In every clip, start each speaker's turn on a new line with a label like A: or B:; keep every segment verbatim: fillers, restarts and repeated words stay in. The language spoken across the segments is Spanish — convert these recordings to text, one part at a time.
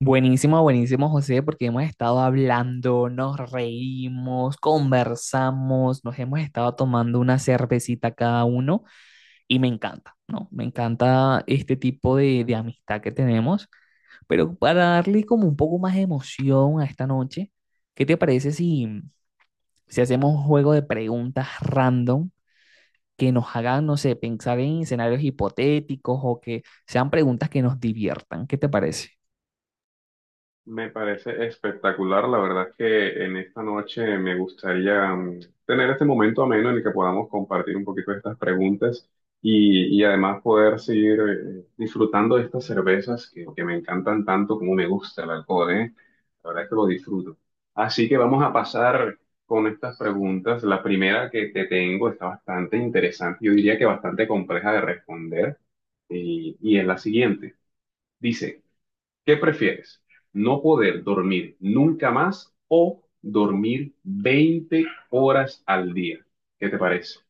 A: Buenísimo, buenísimo, José, porque hemos estado hablando, nos reímos, conversamos, nos hemos estado tomando una cervecita cada uno y me encanta, ¿no? Me encanta este tipo de, de amistad que tenemos, pero para darle como un poco más de emoción a esta noche, ¿qué te parece si, si hacemos un juego de preguntas random que nos hagan, no sé, pensar en escenarios hipotéticos o que sean preguntas que nos diviertan? ¿Qué te parece?
B: Me parece espectacular, la verdad es que en esta noche me gustaría mm, tener este momento ameno en el que podamos compartir un poquito de estas preguntas y, y además poder seguir eh, disfrutando de estas cervezas que, que me encantan tanto como me gusta el alcohol, ¿eh? La verdad es que lo disfruto. Así que vamos a pasar con estas preguntas. La primera que te tengo está bastante interesante, yo diría que bastante compleja de responder y, y es la siguiente. Dice, ¿qué prefieres? ¿No poder dormir nunca más o dormir veinte horas al día? ¿Qué te parece?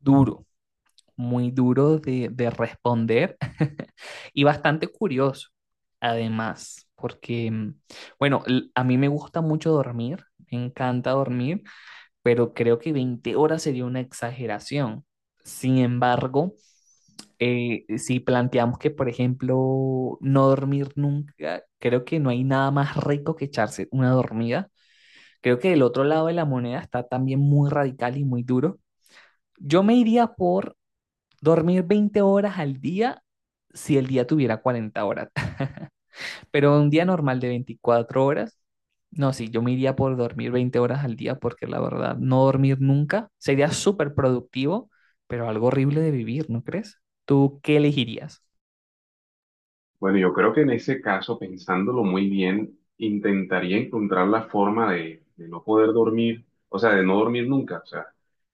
A: Duro. Muy duro de, de responder y bastante curioso, además, porque, mm, bueno, a mí me gusta mucho dormir, me encanta dormir, pero creo que veinte horas sería una exageración. Sin embargo, eh, si planteamos que, por ejemplo, no dormir nunca, creo que no hay nada más rico que echarse una dormida. Creo que el otro lado de la moneda está también muy radical y muy duro. Yo me iría por dormir veinte horas al día si el día tuviera cuarenta horas, pero un día normal de veinticuatro horas, no, sí, yo me iría por dormir veinte horas al día porque la verdad, no dormir nunca sería súper productivo, pero algo horrible de vivir, ¿no crees? ¿Tú qué elegirías?
B: Bueno, yo creo que en ese caso, pensándolo muy bien, intentaría encontrar la forma de, de, no poder dormir, o sea, de no dormir nunca. O sea,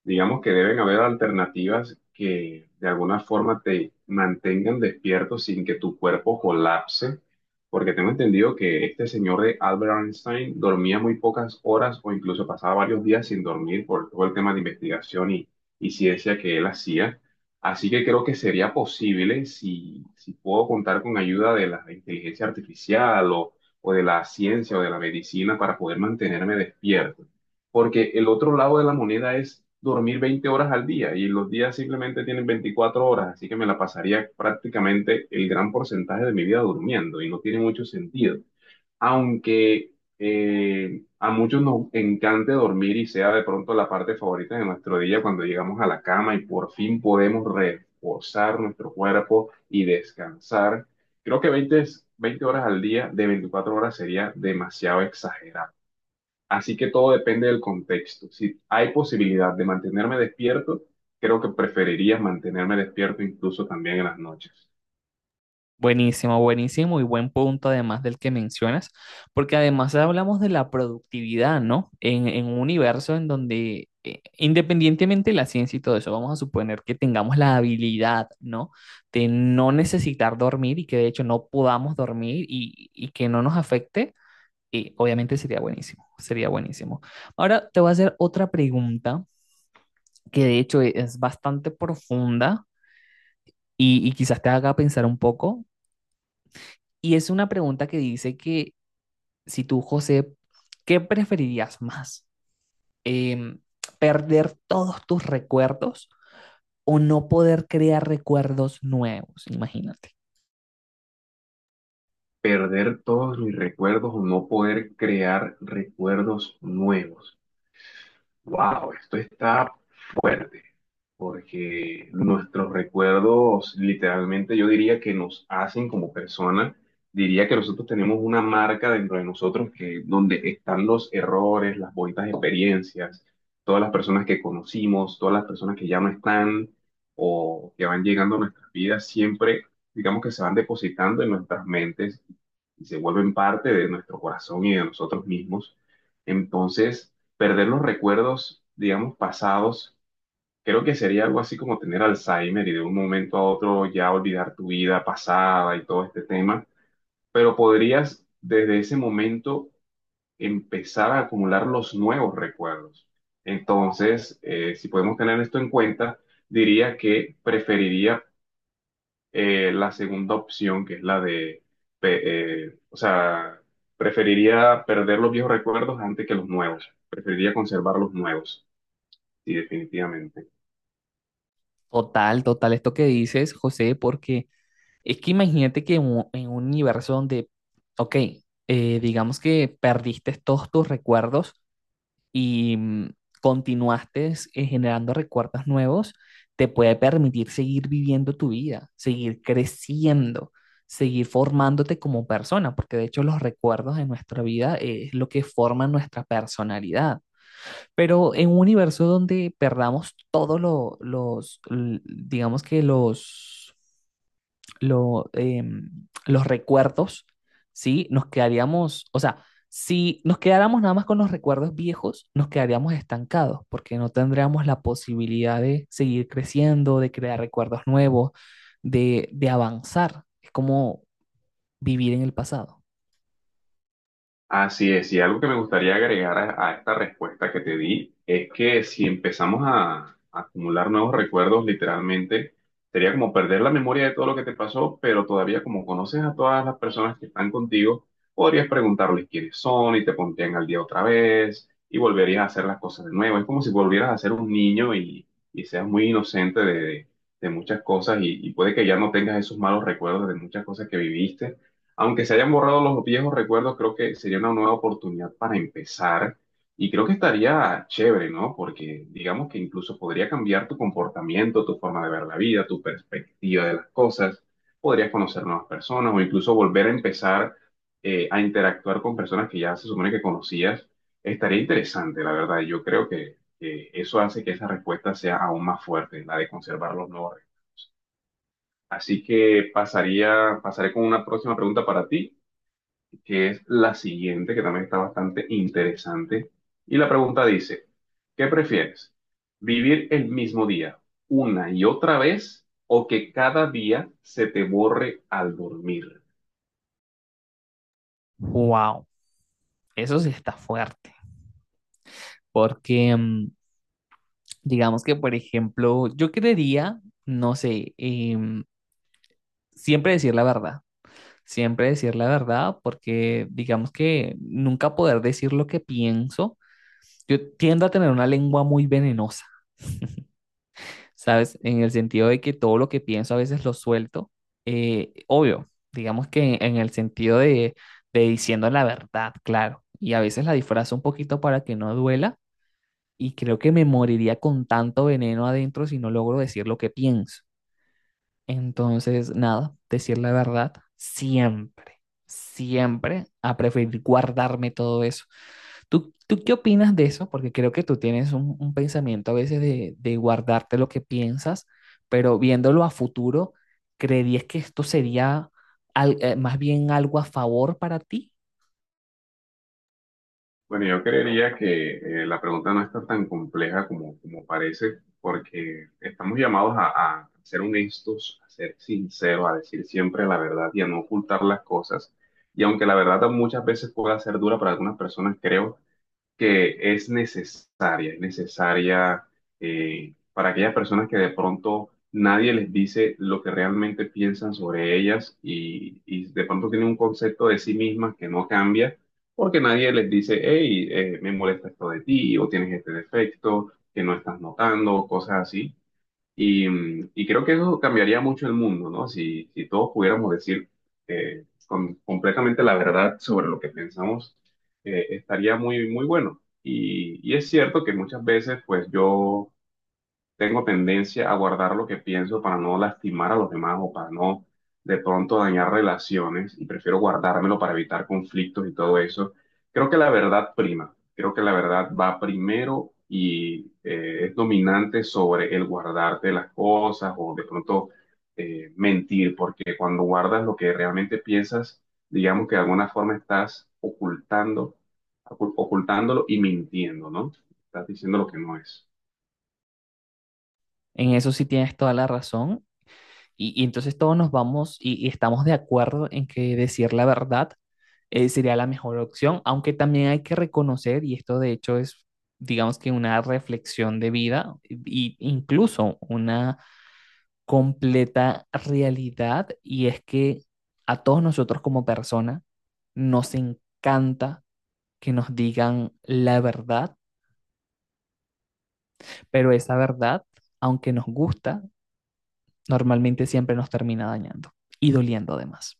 B: digamos que deben haber alternativas que de alguna forma te mantengan despierto sin que tu cuerpo colapse, porque tengo entendido que este señor de Albert Einstein dormía muy pocas horas o incluso pasaba varios días sin dormir por todo el tema de investigación y, y ciencia que él hacía. Así que creo que sería posible si, si puedo contar con ayuda de la inteligencia artificial o, o de la ciencia o de la medicina para poder mantenerme despierto. Porque el otro lado de la moneda es dormir veinte horas al día y los días simplemente tienen veinticuatro horas, así que me la pasaría prácticamente el gran porcentaje de mi vida durmiendo y no tiene mucho sentido aunque eh, a muchos nos encante dormir y sea de pronto la parte favorita de nuestro día cuando llegamos a la cama y por fin podemos reposar nuestro cuerpo y descansar, creo que veinte, es- veinte horas al día de veinticuatro horas sería demasiado exagerado. Así que todo depende del contexto. Si hay posibilidad de mantenerme despierto, creo que preferiría mantenerme despierto incluso también en las noches.
A: Buenísimo, buenísimo y buen punto además del que mencionas, porque además hablamos de la productividad, ¿no? En, en un universo en donde, eh, independientemente de la ciencia y todo eso, vamos a suponer que tengamos la habilidad, ¿no? De no necesitar dormir y que de hecho no podamos dormir y, y que no nos afecte, y obviamente sería buenísimo, sería buenísimo. Ahora te voy a hacer otra pregunta que de hecho es bastante profunda y, y quizás te haga pensar un poco. Y es una pregunta que dice que si tú, José, ¿qué preferirías más? Em, ¿Perder todos tus recuerdos o no poder crear recuerdos nuevos? Imagínate.
B: Perder todos mis recuerdos o no poder crear recuerdos nuevos. Wow, esto está fuerte porque nuestros recuerdos literalmente yo diría que nos hacen como persona, diría que nosotros tenemos una marca dentro de nosotros que donde están los errores, las bonitas experiencias, todas las personas que conocimos, todas las personas que ya no están o que van llegando a nuestras vidas, siempre digamos que se van depositando en nuestras mentes y se vuelven parte de nuestro corazón y de nosotros mismos. Entonces, perder los recuerdos, digamos, pasados. Creo que sería algo así como tener Alzheimer y de un momento a otro ya olvidar tu vida pasada y todo este tema, pero podrías desde ese momento empezar a acumular los nuevos recuerdos. Entonces, eh, si podemos tener esto en cuenta, diría que preferiría eh, la segunda opción, que es la de, pe- eh, o sea, preferiría perder los viejos recuerdos antes que los nuevos. Preferiría conservar los nuevos, sí, definitivamente.
A: Total, total, esto que dices, José, porque es que imagínate que en un, en un universo donde, ok, eh, digamos que perdiste todos tus recuerdos, y mm, continuaste eh, generando recuerdos nuevos, te puede permitir seguir viviendo tu vida, seguir creciendo, seguir formándote como persona, porque de hecho los recuerdos de nuestra vida eh, es lo que forma nuestra personalidad. Pero en un universo donde perdamos todos lo- los, l- digamos que los lo, em, los recuerdos, ¿sí? Nos quedaríamos, o sea, si nos quedáramos nada más con los recuerdos viejos, nos quedaríamos estancados porque no tendríamos la posibilidad de seguir creciendo, de crear recuerdos nuevos, de, de avanzar. Es como vivir en el pasado.
B: Así es, y algo que me gustaría agregar a, a esta respuesta que te di es que si empezamos a, a acumular nuevos recuerdos, literalmente, sería como perder la memoria de todo lo que te pasó, pero todavía como conoces a todas las personas que están contigo, podrías preguntarles quiénes son y te pondrían al día otra vez y volverías a hacer las cosas de nuevo. Es como si volvieras a ser un niño y, y seas muy inocente de, de de muchas cosas y, y puede que ya no tengas esos malos recuerdos de muchas cosas que viviste aunque se hayan borrado los viejos recuerdos, creo que sería una nueva oportunidad para empezar y creo que estaría chévere, ¿no? Porque digamos que incluso podría cambiar tu comportamiento, tu forma de ver la vida, tu perspectiva de las cosas, podrías conocer nuevas personas o incluso volver a empezar eh, a interactuar con personas que ya se supone que conocías. Estaría interesante, la verdad. Yo creo que, que eso hace que esa respuesta sea aún más fuerte, la de conservar los nuevos recuerdos. Así que pasaría, pasaré con una próxima pregunta para ti que es la siguiente, que también está bastante interesante. Y la pregunta dice, ¿qué prefieres? ¿Vivir el mismo día una y otra vez o que cada día se te borre al dormir?
A: Wow, eso sí está fuerte. Porque mm, digamos que, por ejemplo, yo creería, no sé, em, siempre decir la verdad. Siempre decir la verdad, porque digamos que nunca poder decir lo que pienso. Yo tiendo a tener una lengua muy venenosa, ¿sabes? En el sentido de que todo lo que pienso a veces lo suelto. Eh, obvio, digamos que en, en el sentido de, de diciendo la verdad, claro. Y a veces la disfrazo un poquito para que no duela. Y creo que me moriría con tanto veneno adentro si no logro decir lo que pienso. Entonces, nada, decir la verdad siempre, siempre a preferir guardarme todo eso. ¿Tú, tú qué opinas de eso? Porque creo que tú tienes un, un pensamiento a veces de, de guardarte lo que piensas, pero viéndolo a futuro, ¿creerías que esto sería al- eh, más bien algo a favor para ti?
B: Bueno, yo creería que eh, la pregunta no está tan compleja como, como parece, porque estamos llamados a, a, ser honestos, a ser sinceros, a decir siempre la verdad y a no ocultar las cosas. Y aunque la verdad muchas veces pueda ser dura para algunas personas, creo que es necesaria, es necesaria eh, para aquellas personas que de pronto nadie les dice lo que realmente piensan sobre ellas y, y de pronto tienen un concepto de sí mismas que no cambia porque nadie les dice, hey, eh, me molesta esto de ti o tienes este defecto que no estás notando, o cosas así. Y, mm, y creo que eso cambiaría mucho el mundo, ¿no? Si, si todos pudiéramos decir eh, con, completamente la verdad sobre lo que pensamos, eh, estaría muy, muy bueno. Y, y es cierto que muchas veces, pues yo tengo tendencia a guardar lo que pienso para no lastimar a los demás o para no de pronto dañar relaciones y prefiero guardármelo para evitar conflictos y todo eso. Creo que la verdad prima, creo que la verdad va primero y eh, es dominante sobre el guardarte las cosas o de pronto eh, mentir, porque cuando guardas lo que realmente piensas, digamos que de alguna forma estás ocultando, ocu- ocultándolo y mintiendo, ¿no? Estás diciendo lo que no es.
A: En eso sí tienes toda la razón. Y, y entonces todos nos vamos y, y estamos de acuerdo en que decir la verdad eh, sería la mejor opción, aunque también hay que reconocer, y esto de hecho es, digamos que una reflexión de vida e incluso una completa realidad, y es que a todos nosotros como persona nos encanta que nos digan la verdad, pero esa verdad, aunque nos gusta, normalmente siempre nos termina dañando y doliendo además.